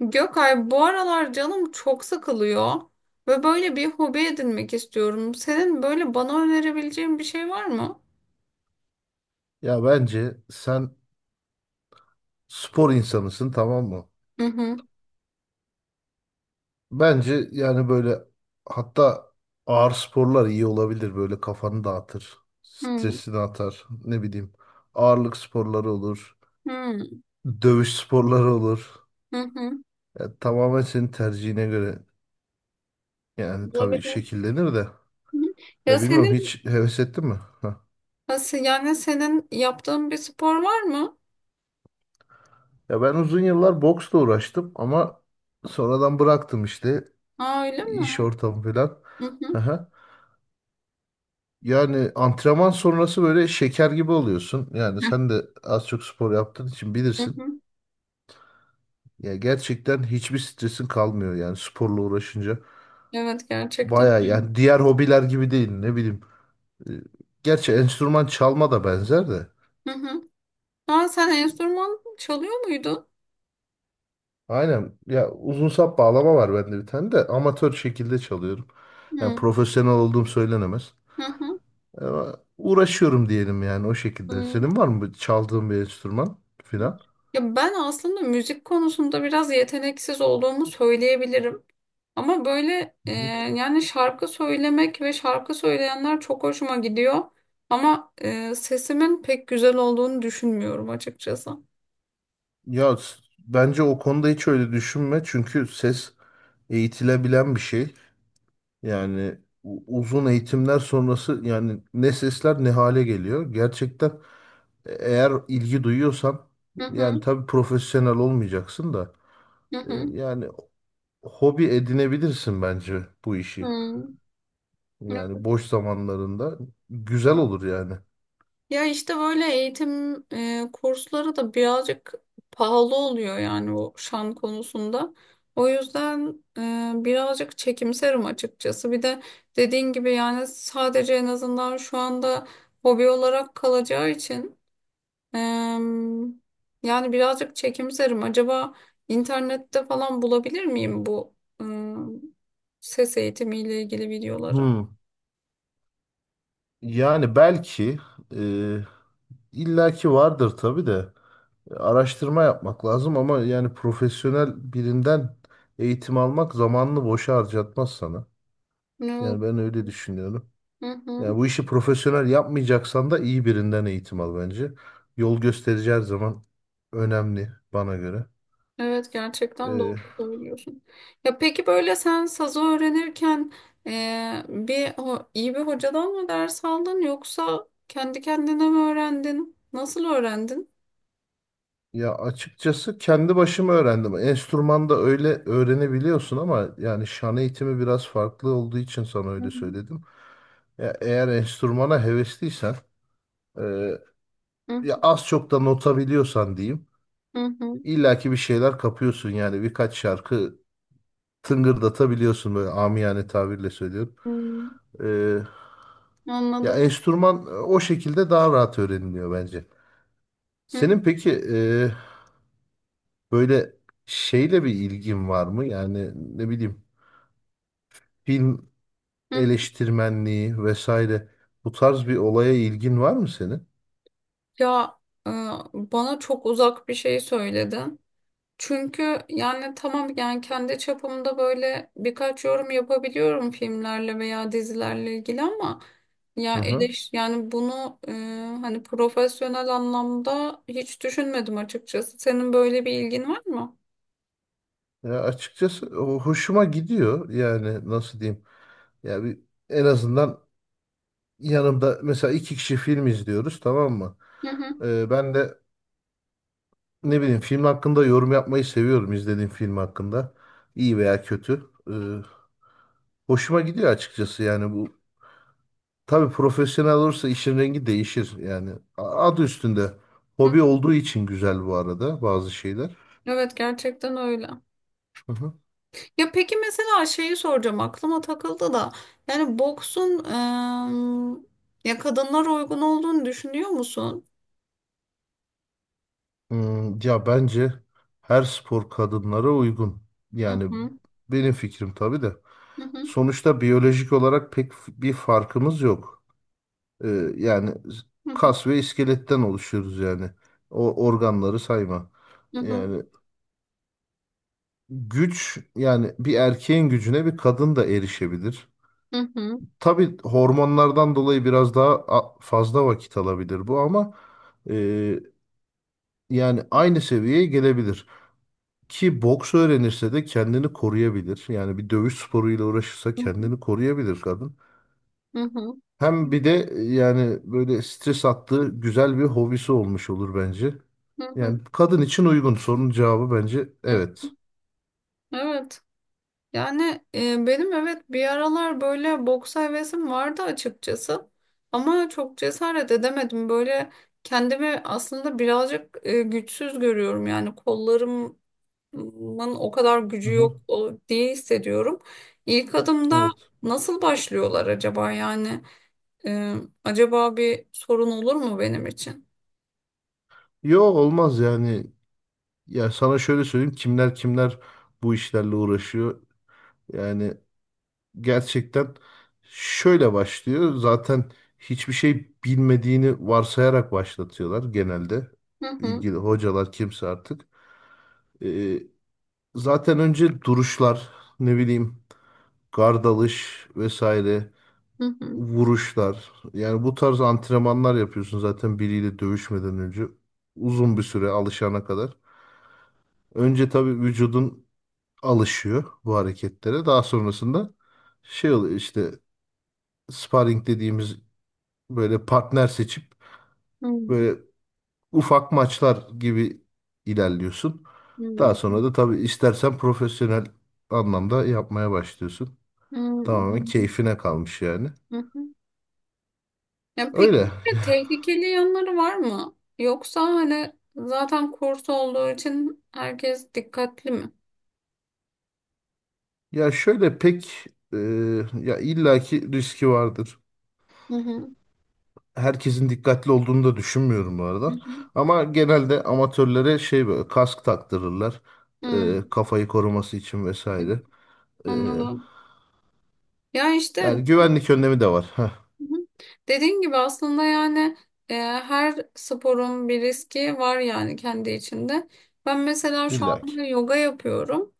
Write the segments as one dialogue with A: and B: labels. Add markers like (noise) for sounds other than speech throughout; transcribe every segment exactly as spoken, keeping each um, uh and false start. A: Gökay bu aralar canım çok sıkılıyor ve böyle bir hobi edinmek istiyorum. Senin böyle bana önerebileceğin bir şey var mı?
B: Ya bence sen spor insanısın, tamam mı?
A: Hı hı.
B: Bence yani böyle, hatta ağır sporlar iyi olabilir, böyle kafanı dağıtır,
A: Hı
B: stresini atar, ne bileyim, ağırlık sporları olur,
A: hı.
B: dövüş sporları olur.
A: Hı hı.
B: Ya tamamen senin tercihine göre yani, tabii
A: Olabilir. Hı
B: şekillenir de.
A: hı. Ya
B: Ya bilmiyorum,
A: senin
B: hiç heves ettin mi? Heh.
A: nasıl yani senin yaptığın bir spor var mı?
B: Ya ben uzun yıllar boksla uğraştım ama sonradan bıraktım işte,
A: Aa öyle mi?
B: iş ortamı falan.
A: Hı hı.
B: (laughs) Yani antrenman sonrası böyle şeker gibi oluyorsun. Yani sen de az çok spor yaptığın için
A: Hı
B: bilirsin.
A: hı.
B: Ya gerçekten hiçbir stresin kalmıyor yani sporla uğraşınca.
A: Evet gerçekten.
B: Baya yani, diğer hobiler gibi değil, ne bileyim. Ee, Gerçi enstrüman çalma da benzer de.
A: Hı hı. Aa sen enstrüman çalıyor muydun?
B: Aynen ya, uzun sap bağlama var bende bir tane de, amatör şekilde çalıyorum.
A: Hı
B: Yani
A: hı.
B: profesyonel olduğum söylenemez.
A: Hı.
B: Ama uğraşıyorum diyelim yani, o şekilde.
A: Hı.
B: Senin var mı çaldığın bir enstrüman
A: Hı.
B: filan?
A: Ya ben aslında müzik konusunda biraz yeteneksiz olduğumu söyleyebilirim. Ama böyle e, yani şarkı söylemek ve şarkı söyleyenler çok hoşuma gidiyor. Ama e, sesimin pek güzel olduğunu düşünmüyorum açıkçası.
B: Ya s- bence o konuda hiç öyle düşünme, çünkü ses eğitilebilen bir şey. Yani u- uzun eğitimler sonrası yani ne sesler ne hale geliyor. Gerçekten e- eğer ilgi duyuyorsan,
A: Hı
B: yani
A: hı
B: tabii profesyonel olmayacaksın da,
A: hı
B: e,
A: hı.
B: yani hobi edinebilirsin bence bu işi. Yani boş zamanlarında güzel
A: Hı.
B: olur yani.
A: Ya işte böyle eğitim e, kursları da birazcık pahalı oluyor yani o şan konusunda. O yüzden e, birazcık çekimserim açıkçası. Bir de dediğin gibi yani sadece en azından şu anda hobi olarak kalacağı için e, yani birazcık çekimserim. Acaba internette falan bulabilir miyim bu e, ses eğitimiyle ilgili videoları?
B: Hmm. Yani belki, e, illaki vardır tabii de. Araştırma yapmak lazım, ama yani profesyonel birinden eğitim almak zamanını boşa harcatmaz sana.
A: Evet.
B: Yani ben öyle düşünüyorum.
A: Hı hı.
B: Yani bu işi profesyonel yapmayacaksan da iyi birinden eğitim al bence. Yol gösterici her zaman önemli bana göre.
A: Evet gerçekten
B: Ee,
A: doğru söylüyorsun. Ya peki böyle sen sazı öğrenirken eee, bir ho- iyi bir hocadan mı ders aldın yoksa kendi kendine mi öğrendin? Nasıl öğrendin?
B: ya açıkçası kendi başıma öğrendim. Enstrümanda öyle öğrenebiliyorsun ama, yani şan eğitimi biraz farklı olduğu için sana
A: Hı
B: öyle söyledim. Ya eğer enstrümana hevesliysen, e,
A: hı.
B: ya az çok da nota biliyorsan diyeyim.
A: Hı hı.
B: İlla ki bir şeyler kapıyorsun yani, birkaç şarkı tıngırdatabiliyorsun, böyle amiyane tabirle söylüyorum.
A: Hı.
B: Ee, ya
A: Anladım.
B: enstrüman e, o şekilde daha rahat öğreniliyor bence.
A: Hı
B: Senin peki, e, böyle şeyle bir ilgin var mı? Yani ne bileyim, film
A: hı.
B: eleştirmenliği vesaire, bu tarz bir olaya ilgin var mı senin?
A: Ya e, bana çok uzak bir şey söyledin. Çünkü yani tamam yani kendi çapımda böyle birkaç yorum yapabiliyorum filmlerle veya dizilerle ilgili ama ya
B: Hı hı.
A: eleş yani bunu e, hani profesyonel anlamda hiç düşünmedim açıkçası. Senin böyle bir ilgin var mı?
B: Ya açıkçası o hoşuma gidiyor, yani nasıl diyeyim? Ya bir, en azından yanımda mesela iki kişi film izliyoruz, tamam mı?
A: Hı hı.
B: Ee, ben de ne bileyim, film hakkında yorum yapmayı seviyorum, izlediğim film hakkında. İyi veya kötü. Ee, hoşuma gidiyor açıkçası yani, bu. Tabii profesyonel olursa işin rengi değişir yani. A- Adı üstünde.
A: Hı.
B: Hobi olduğu için güzel bu arada bazı şeyler.
A: Evet gerçekten öyle.
B: Hı hı.
A: Ya peki mesela şeyi soracağım aklıma takıldı da yani boksun e, ya kadınlara uygun olduğunu düşünüyor musun?
B: Hmm, ya bence her spor kadınlara uygun.
A: Hı
B: Yani
A: hı.
B: benim fikrim tabii de.
A: Hı hı.
B: Sonuçta biyolojik olarak pek f- bir farkımız yok. Ee, yani
A: Hı hı.
B: kas ve iskeletten oluşuyoruz yani. O organları sayma.
A: Hı hı.
B: Yani güç, yani bir erkeğin gücüne bir kadın da erişebilir.
A: Hı hı.
B: Tabii hormonlardan dolayı biraz daha a- fazla vakit alabilir bu, ama e, yani aynı seviyeye gelebilir. Ki boks öğrenirse de kendini koruyabilir. Yani bir dövüş sporuyla uğraşırsa
A: Hı hı.
B: kendini koruyabilir kadın.
A: Hı hı.
B: Hem bir de yani böyle stres attığı güzel bir hobisi olmuş olur bence.
A: Hı hı.
B: Yani kadın için uygun sorunun cevabı bence
A: Hı.
B: evet.
A: Evet. Yani e, benim evet bir aralar böyle boks hevesim vardı açıkçası. Ama çok cesaret edemedim. Böyle kendimi aslında birazcık e, güçsüz görüyorum. Yani kollarımın o kadar gücü
B: Hı-hı.
A: yok o- diye hissediyorum. İlk adımda
B: Evet.
A: nasıl başlıyorlar acaba yani? E, Acaba bir sorun olur mu benim için?
B: Yo, olmaz yani. Ya sana şöyle söyleyeyim, kimler kimler bu işlerle uğraşıyor. Yani gerçekten şöyle başlıyor. Zaten hiçbir şey bilmediğini varsayarak başlatıyorlar genelde.
A: Hı hı.
B: İlgili hocalar kimse artık. Ee, zaten önce duruşlar, ne bileyim, gardalış vesaire,
A: Hı hı.
B: vuruşlar. Yani bu tarz antrenmanlar yapıyorsun zaten biriyle dövüşmeden önce. Uzun bir süre alışana kadar. Önce tabii vücudun alışıyor bu hareketlere. Daha sonrasında şey oluyor işte, sparring dediğimiz, böyle partner seçip
A: Hı hı.
B: böyle ufak maçlar gibi ilerliyorsun. Daha sonra da tabii istersen profesyonel anlamda yapmaya başlıyorsun.
A: Hı
B: Tamamen
A: hı.
B: keyfine kalmış yani.
A: Hı hı. Ya peki
B: Öyle.
A: bir de tehlikeli yanları var mı? Yoksa hani zaten kurs olduğu için herkes dikkatli mi?
B: Ya şöyle pek, e, ya illaki riski vardır.
A: Hı hı.
B: Herkesin dikkatli olduğunu da düşünmüyorum bu
A: Hı
B: arada.
A: hı.
B: Ama genelde amatörlere şey, böyle kask taktırırlar.
A: Hı.
B: E, kafayı koruması için vesaire. E,
A: Anladım. Ya işte
B: yani güvenlik önlemi de var. Heh,
A: hı hı, dediğin gibi aslında yani e, her sporun bir riski var yani kendi içinde. Ben mesela şu
B: illaki.
A: anda yoga yapıyorum.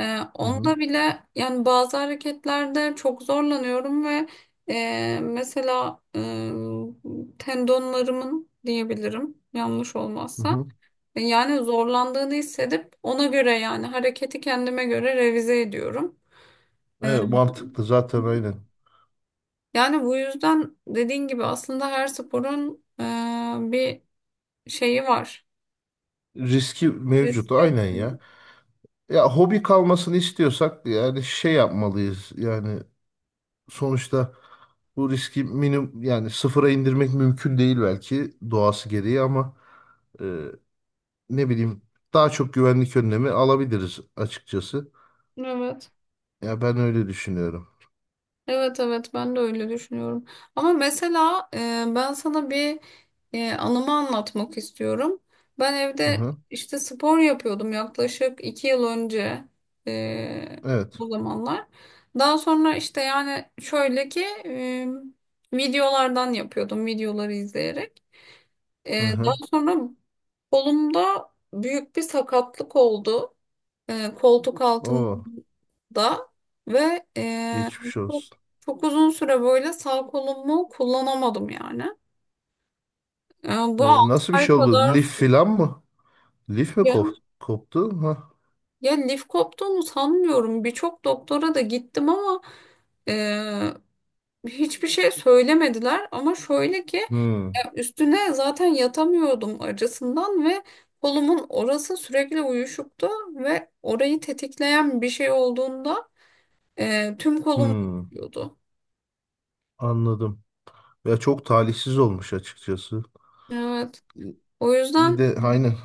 A: Ee,
B: Hı hı.
A: onda bile yani bazı hareketlerde çok zorlanıyorum ve e, mesela e, tendonlarımın diyebilirim yanlış
B: Hı
A: olmazsa
B: hı.
A: E, yani zorlandığını hissedip ona göre yani hareketi kendime göre revize ediyorum.
B: Evet, mantıklı zaten, aynen.
A: Yani bu yüzden dediğin gibi aslında her sporun e, bir şeyi var.
B: Riski mevcut
A: Riski var.
B: aynen ya. Ya hobi kalmasını istiyorsak yani şey yapmalıyız. Yani sonuçta bu riski minimum, yani sıfıra indirmek mümkün değil belki doğası gereği, ama e, ne bileyim, daha çok güvenlik önlemi alabiliriz açıkçası.
A: Evet.
B: Ya ben öyle düşünüyorum.
A: Evet, evet ben de öyle düşünüyorum. Ama mesela e, ben sana bir e, anımı anlatmak istiyorum. Ben
B: Hı
A: evde
B: hı.
A: işte spor yapıyordum yaklaşık iki yıl önce e,
B: Evet.
A: o zamanlar. Daha sonra işte yani şöyle ki e, videolardan yapıyordum videoları izleyerek.
B: Hı
A: E, daha
B: hı.
A: sonra kolumda büyük bir sakatlık oldu. E, koltuk altım
B: Oo,
A: da ve e,
B: geçmiş
A: çok,
B: olsun.
A: çok uzun süre böyle sağ kolumu kullanamadım yani. E,
B: E,
A: bu altı
B: nasıl bir
A: ay
B: şey oldu?
A: kadar
B: Lif filan mı? Lif mi
A: ya,
B: kop- koptu? Ha.
A: ya lif koptuğunu sanmıyorum. Birçok doktora da gittim ama e, hiçbir şey söylemediler. Ama şöyle ki
B: Hmm.
A: e, üstüne zaten yatamıyordum acısından ve kolumun orası sürekli uyuşuktu ve orayı tetikleyen bir şey olduğunda e, tüm kolum
B: Hmm.
A: uyuşuyordu.
B: Anladım. Ya çok talihsiz olmuş açıkçası.
A: Evet.
B: E,
A: O
B: Bir
A: yüzden
B: de aynen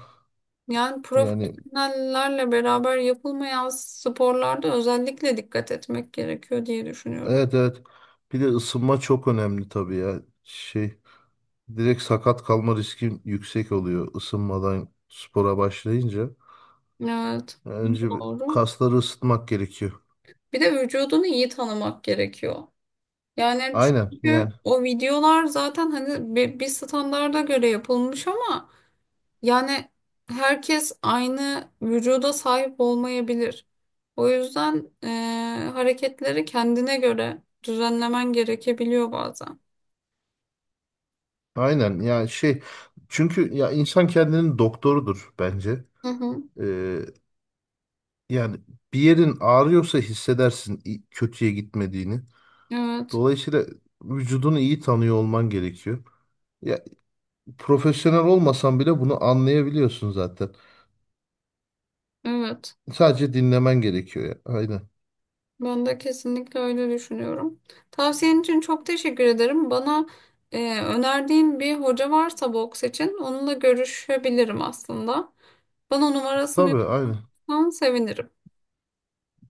A: yani
B: yani.
A: profesyonellerle beraber yapılmayan sporlarda özellikle dikkat etmek gerekiyor diye düşünüyorum.
B: Evet, evet. Bir de ısınma çok önemli tabii ya. Şey, direkt sakat kalma riskim yüksek oluyor ısınmadan spora başlayınca.
A: Evet,
B: Yani önce bir
A: doğru.
B: kasları ısıtmak gerekiyor.
A: Bir de vücudunu iyi tanımak gerekiyor. Yani
B: Aynen
A: çünkü
B: yani.
A: o videolar zaten hani bir, bir standarda göre yapılmış ama yani herkes aynı vücuda sahip olmayabilir. O yüzden eee, hareketleri kendine göre düzenlemen gerekebiliyor bazen.
B: Aynen yani şey, çünkü ya insan kendinin doktorudur bence.
A: Hı hı,
B: Ee, yani bir yerin ağrıyorsa hissedersin i- kötüye gitmediğini.
A: evet,
B: Dolayısıyla vücudunu iyi tanıyor olman gerekiyor. Ya profesyonel olmasan bile bunu anlayabiliyorsun zaten.
A: evet.
B: Sadece dinlemen gerekiyor ya. Aynen.
A: Ben de kesinlikle öyle düşünüyorum. Tavsiyen için çok teşekkür ederim. Bana e, önerdiğin bir hoca varsa boks için onunla görüşebilirim aslında. Bana numarasını
B: Tabii aynen.
A: yollarsan sevinirim.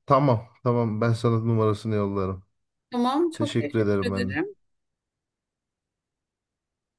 B: Tamam, tamam, ben sana numarasını yollarım.
A: Tamam, çok
B: Teşekkür
A: teşekkür
B: ederim ben de.
A: ederim.